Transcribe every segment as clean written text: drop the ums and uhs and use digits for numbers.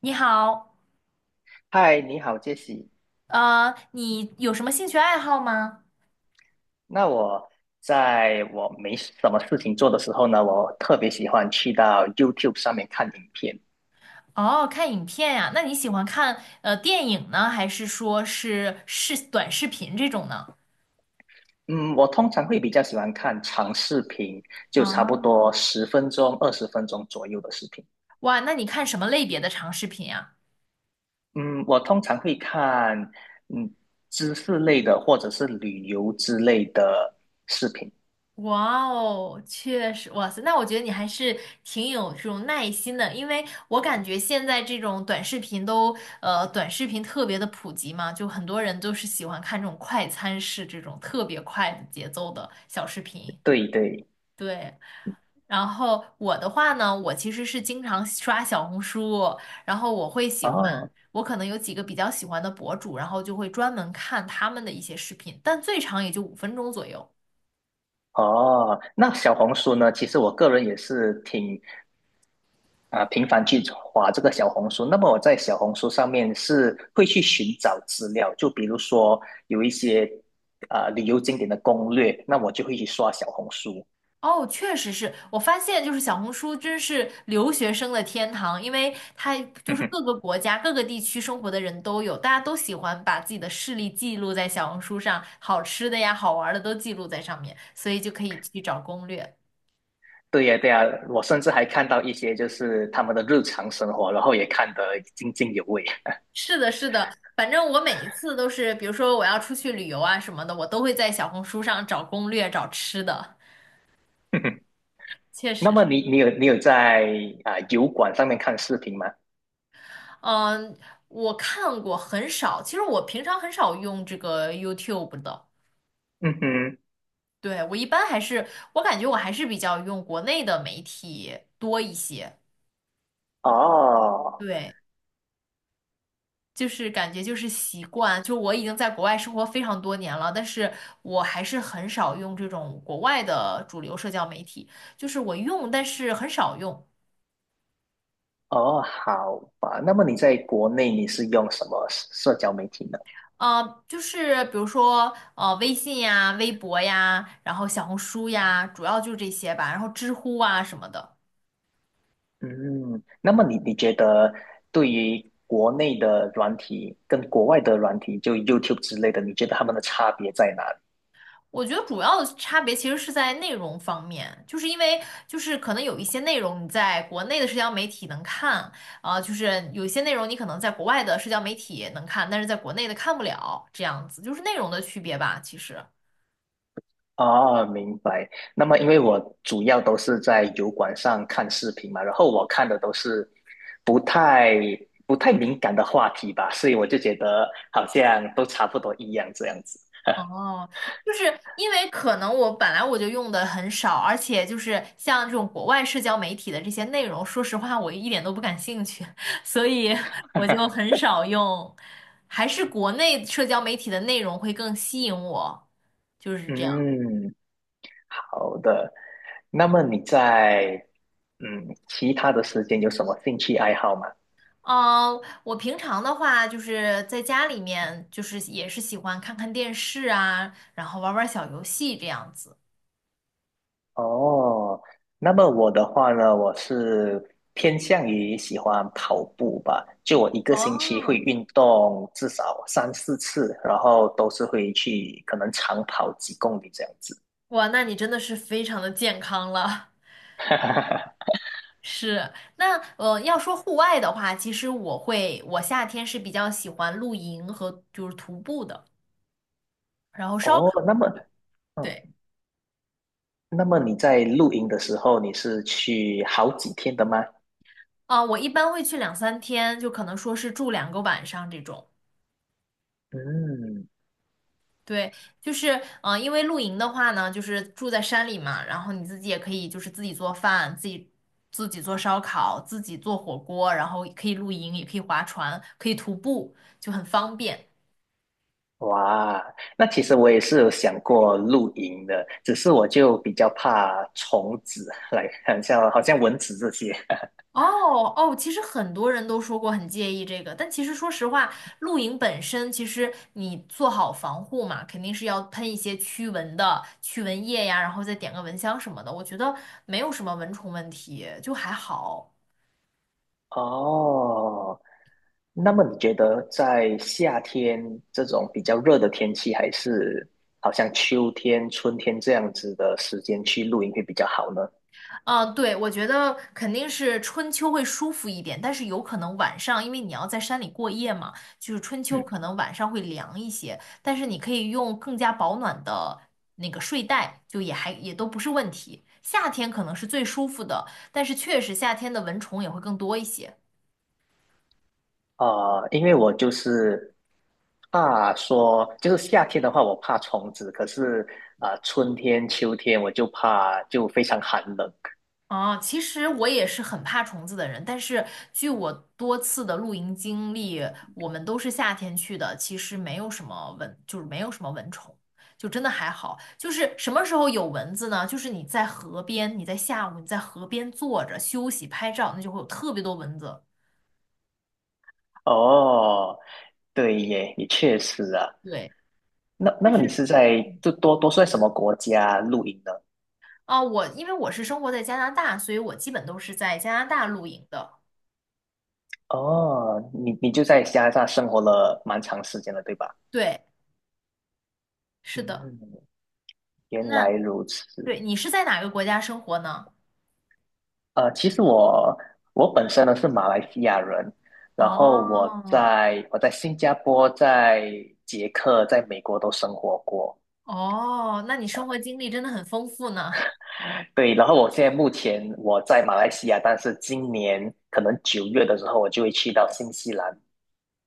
你好，嗨，你好，杰西。你有什么兴趣爱好吗？那我在我没什么事情做的时候呢，我特别喜欢去到 YouTube 上面看影片。哦，看影片呀，那你喜欢看电影呢，还是说是视短视频这种呢？嗯，我通常会比较喜欢看长视频，就差不啊，多十分钟、二十分钟左右的视频。哇，那你看什么类别的长视频呀？嗯，我通常会看嗯知识类的或者是旅游之类的视频。哇哦，确实，哇塞，那我觉得你还是挺有这种耐心的，因为我感觉现在这种短视频都短视频特别的普及嘛，就很多人都是喜欢看这种快餐式这种特别快的节奏的小视频，对对。对。然后我的话呢，我其实是经常刷小红书，然后我会喜欢，哦我可能有几个比较喜欢的博主，然后就会专门看他们的一些视频，但最长也就5分钟左右。哦，那小红书呢？其实我个人也是挺频繁去划这个小红书，那么我在小红书上面是会去寻找资料，就比如说有一些旅游景点的攻略，那我就会去刷小红书。哦，确实是我发现，就是小红书真是留学生的天堂，因为它就是各个 国家、各个地区生活的人都有，大家都喜欢把自己的事例记录在小红书上，好吃的呀、好玩的都记录在上面，所以就可以去找攻略。对呀，对呀，我甚至还看到一些就是他们的日常生活，然后也看得津津有味。是的，是的，反正我每一次都是，比如说我要出去旅游啊什么的，我都会在小红书上找攻略、找吃的。确那实是，么你有在油管上面看视频吗？嗯，我看过很少，其实我平常很少用这个 YouTube 的。嗯哼，对，我一般还是，我感觉我还是比较用国内的媒体多一些。哦对，就是感觉就是习惯，就我已经在国外生活非常多年了，但是我还是很少用这种国外的主流社交媒体，就是我用，但是很少用。哦，好吧。那么你在国内你是用什么社交媒体呢？就是比如说，微信呀、微博呀，然后小红书呀，主要就是这些吧。然后知乎啊什么的，嗯，那么你觉得对于国内的软体跟国外的软体，就 YouTube 之类的，你觉得他们的差别在哪里？我觉得主要的差别其实是在内容方面，就是因为就是可能有一些内容你在国内的社交媒体能看，就是有一些内容你可能在国外的社交媒体能看，但是在国内的看不了，这样子就是内容的区别吧，其实。啊，明白。那么因为我主要都是在油管上看视频嘛，然后我看的都是不太不太敏感的话题吧，所以我就觉得好像都差不多一样这样子。哦，就是因为可能我本来就用的很少，而且就是像这种国外社交媒体的这些内容，说实话我一点都不感兴趣，所以我就 很少用，还是国内社交媒体的内容会更吸引我，就是这样。嗯，好的。那么你在其他的时间有什么兴趣爱好吗？嗯，我平常的话就是在家里面，就是也是喜欢看看电视啊，然后玩玩小游戏这样子。哦，那么我的话呢，我是偏向于喜欢跑步吧，就我一个星期会哦，运动至少三四次，然后都是会去可能长跑几公里这样子。哇，那你真的是非常的健康了。是，那要说户外的话，其实我会，我夏天是比较喜欢露营和就是徒步的，然后烧哦，烤。那么，嗯，对，那么你在露营的时候，你是去好几天的吗？我一般会去2、3天，就可能说是住2个晚上这种。嗯，对，就是因为露营的话呢，就是住在山里嘛，然后你自己也可以就是自己做饭，自己做烧烤，自己做火锅，然后可以露营，也可以划船，可以徒步，就很方便。哇，那其实我也是有想过露营的，只是我就比较怕虫子，来，很像好像蚊子这些。哦哦，其实很多人都说过很介意这个，但其实说实话，露营本身其实你做好防护嘛，肯定是要喷一些驱蚊的驱蚊液呀，然后再点个蚊香什么的，我觉得没有什么蚊虫问题，就还好。哦，那么你觉得在夏天这种比较热的天气，还是好像秋天、春天这样子的时间去露营会比较好呢？啊，对，我觉得肯定是春秋会舒服一点，但是有可能晚上，因为你要在山里过夜嘛，就是春秋嗯，可能晚上会凉一些，但是你可以用更加保暖的那个睡袋，就也还也都不是问题。夏天可能是最舒服的，但是确实夏天的蚊虫也会更多一些。啊，因为我就是怕说，就是夏天的话我怕虫子，可是春天、秋天我就怕就非常寒冷。哦，其实我也是很怕虫子的人，但是据我多次的露营经历，我们都是夏天去的，其实没有什么蚊，就是没有什么蚊虫，就真的还好。就是什么时候有蚊子呢？就是你在河边，你在下午你在河边坐着休息拍照，那就会有特别多蚊子。哦，对耶，也确实啊。对，那那但么你是是在就多多是在什么国家露营呢？我因为我是生活在加拿大，所以我基本都是在加拿大露营的。哦，你就在加拿大生活了蛮长时间了，对吧？对，是的。嗯，原那来如此。对你是在哪个国家生活呢？呃，其实我本身呢是马来西亚人，然后我哦在我在新加坡、在捷克、在美国都生活过。哦，那你生活经历真的很丰富呢。对，然后我现在目前我在马来西亚，但是今年可能九月的时候，我就会去到新西兰，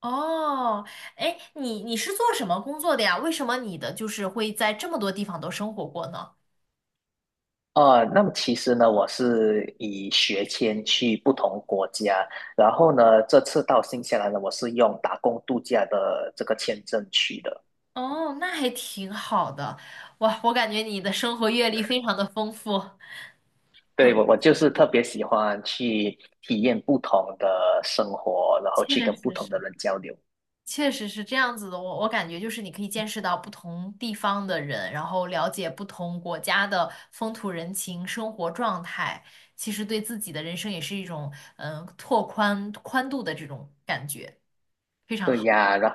哦，哎，你是做什么工作的呀？为什么你的就是会在这么多地方都生活过呢？呃，那么其实呢，我是以学签去不同国家，然后呢，这次到新西兰呢，我是用打工度假的这个签证去的。哦，那还挺好的。哇，我感觉你的生活阅历非常的丰富，对，很我就是特别喜欢去体验不同的生活，然后去确跟不实同的是。人交流。确实是这样子的，我感觉就是你可以见识到不同地方的人，然后了解不同国家的风土人情、生活状态，其实对自己的人生也是一种拓宽宽度的这种感觉，非常对好。呀，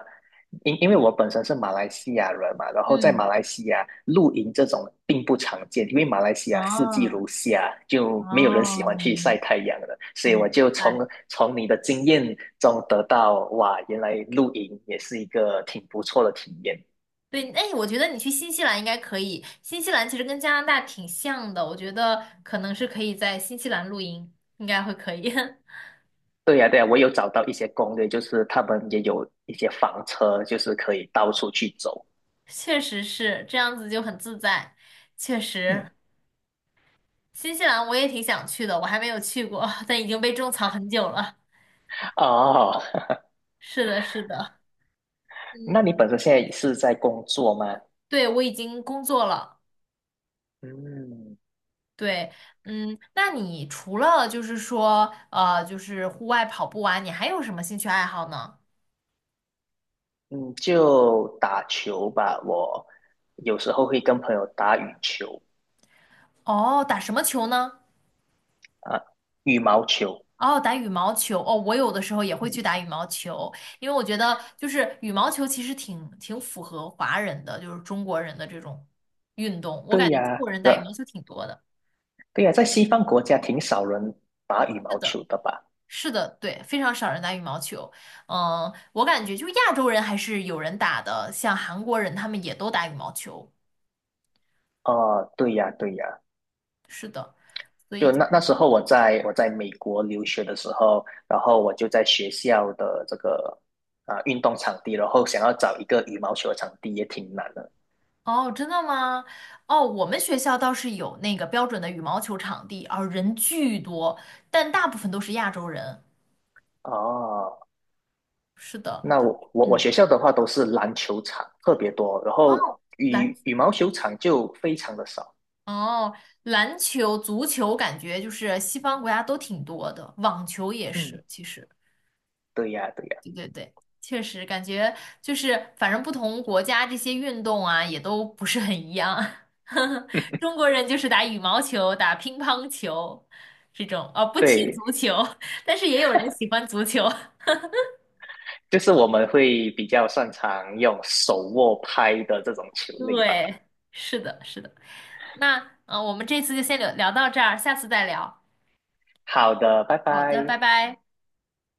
因为我本身是马来西亚人嘛，然后在马嗯，来西亚露营这种并不常见，因为马来西亚四季哦如夏，就没有人喜哦，欢去晒太阳的，所以我明就白。从你的经验中得到，哇，原来露营也是一个挺不错的体验。对，哎，我觉得你去新西兰应该可以。新西兰其实跟加拿大挺像的，我觉得可能是可以在新西兰露营，应该会可以。对呀，对呀，我有找到一些攻略，就是他们也有一些房车，就是可以到处去走。确实是这样子就很自在。确嗯，实，新西兰我也挺想去的，我还没有去过，但已经被种草很久了。哦，是的，是的，那嗯，你本身现在是在工作吗？对，我已经工作了。嗯对，嗯，那你除了就是说，就是户外跑步啊，你还有什么兴趣爱好呢？嗯，就打球吧，我有时候会跟朋友打羽球哦，打什么球呢？啊，羽毛球。哦，打羽毛球哦，我有的时候也会去嗯，打羽毛球，因为我觉得就是羽毛球其实挺符合华人的，就是中国人的这种运动。我对感觉中呀，国人打羽毛球挺多的。对呀，在西方国家挺少人打羽毛球的吧？是的，对，非常少人打羽毛球。嗯，我感觉就亚洲人还是有人打的，像韩国人他们也都打羽毛球。哦，对呀，对呀，是的，所以就就是那那时候我在美国留学的时候，然后我就在学校的这个运动场地，然后想要找一个羽毛球场地也挺难的。哦，真的吗？哦，我们学校倒是有那个标准的羽毛球场地，啊，人巨多，但大部分都是亚洲人。哦，是的，那我嗯，学校的话都是篮球场特别多，然后哦，篮球，羽毛球场就非常的少。哦，篮球、足球感觉就是西方国家都挺多的，网球也嗯，是，其实，对呀，对呀，对对对，确实感觉就是反正不同国家这些运动啊也都不是很一样。中国人就是打羽毛球、打乒乓球这种，哦，不踢对，足球，但是也有人喜欢足球。就是我们会比较擅长用手握拍的这种球类吧。对，是的，是的。那我们这次就先聊聊到这儿，下次再聊。好的，拜好的，拜拜。拜。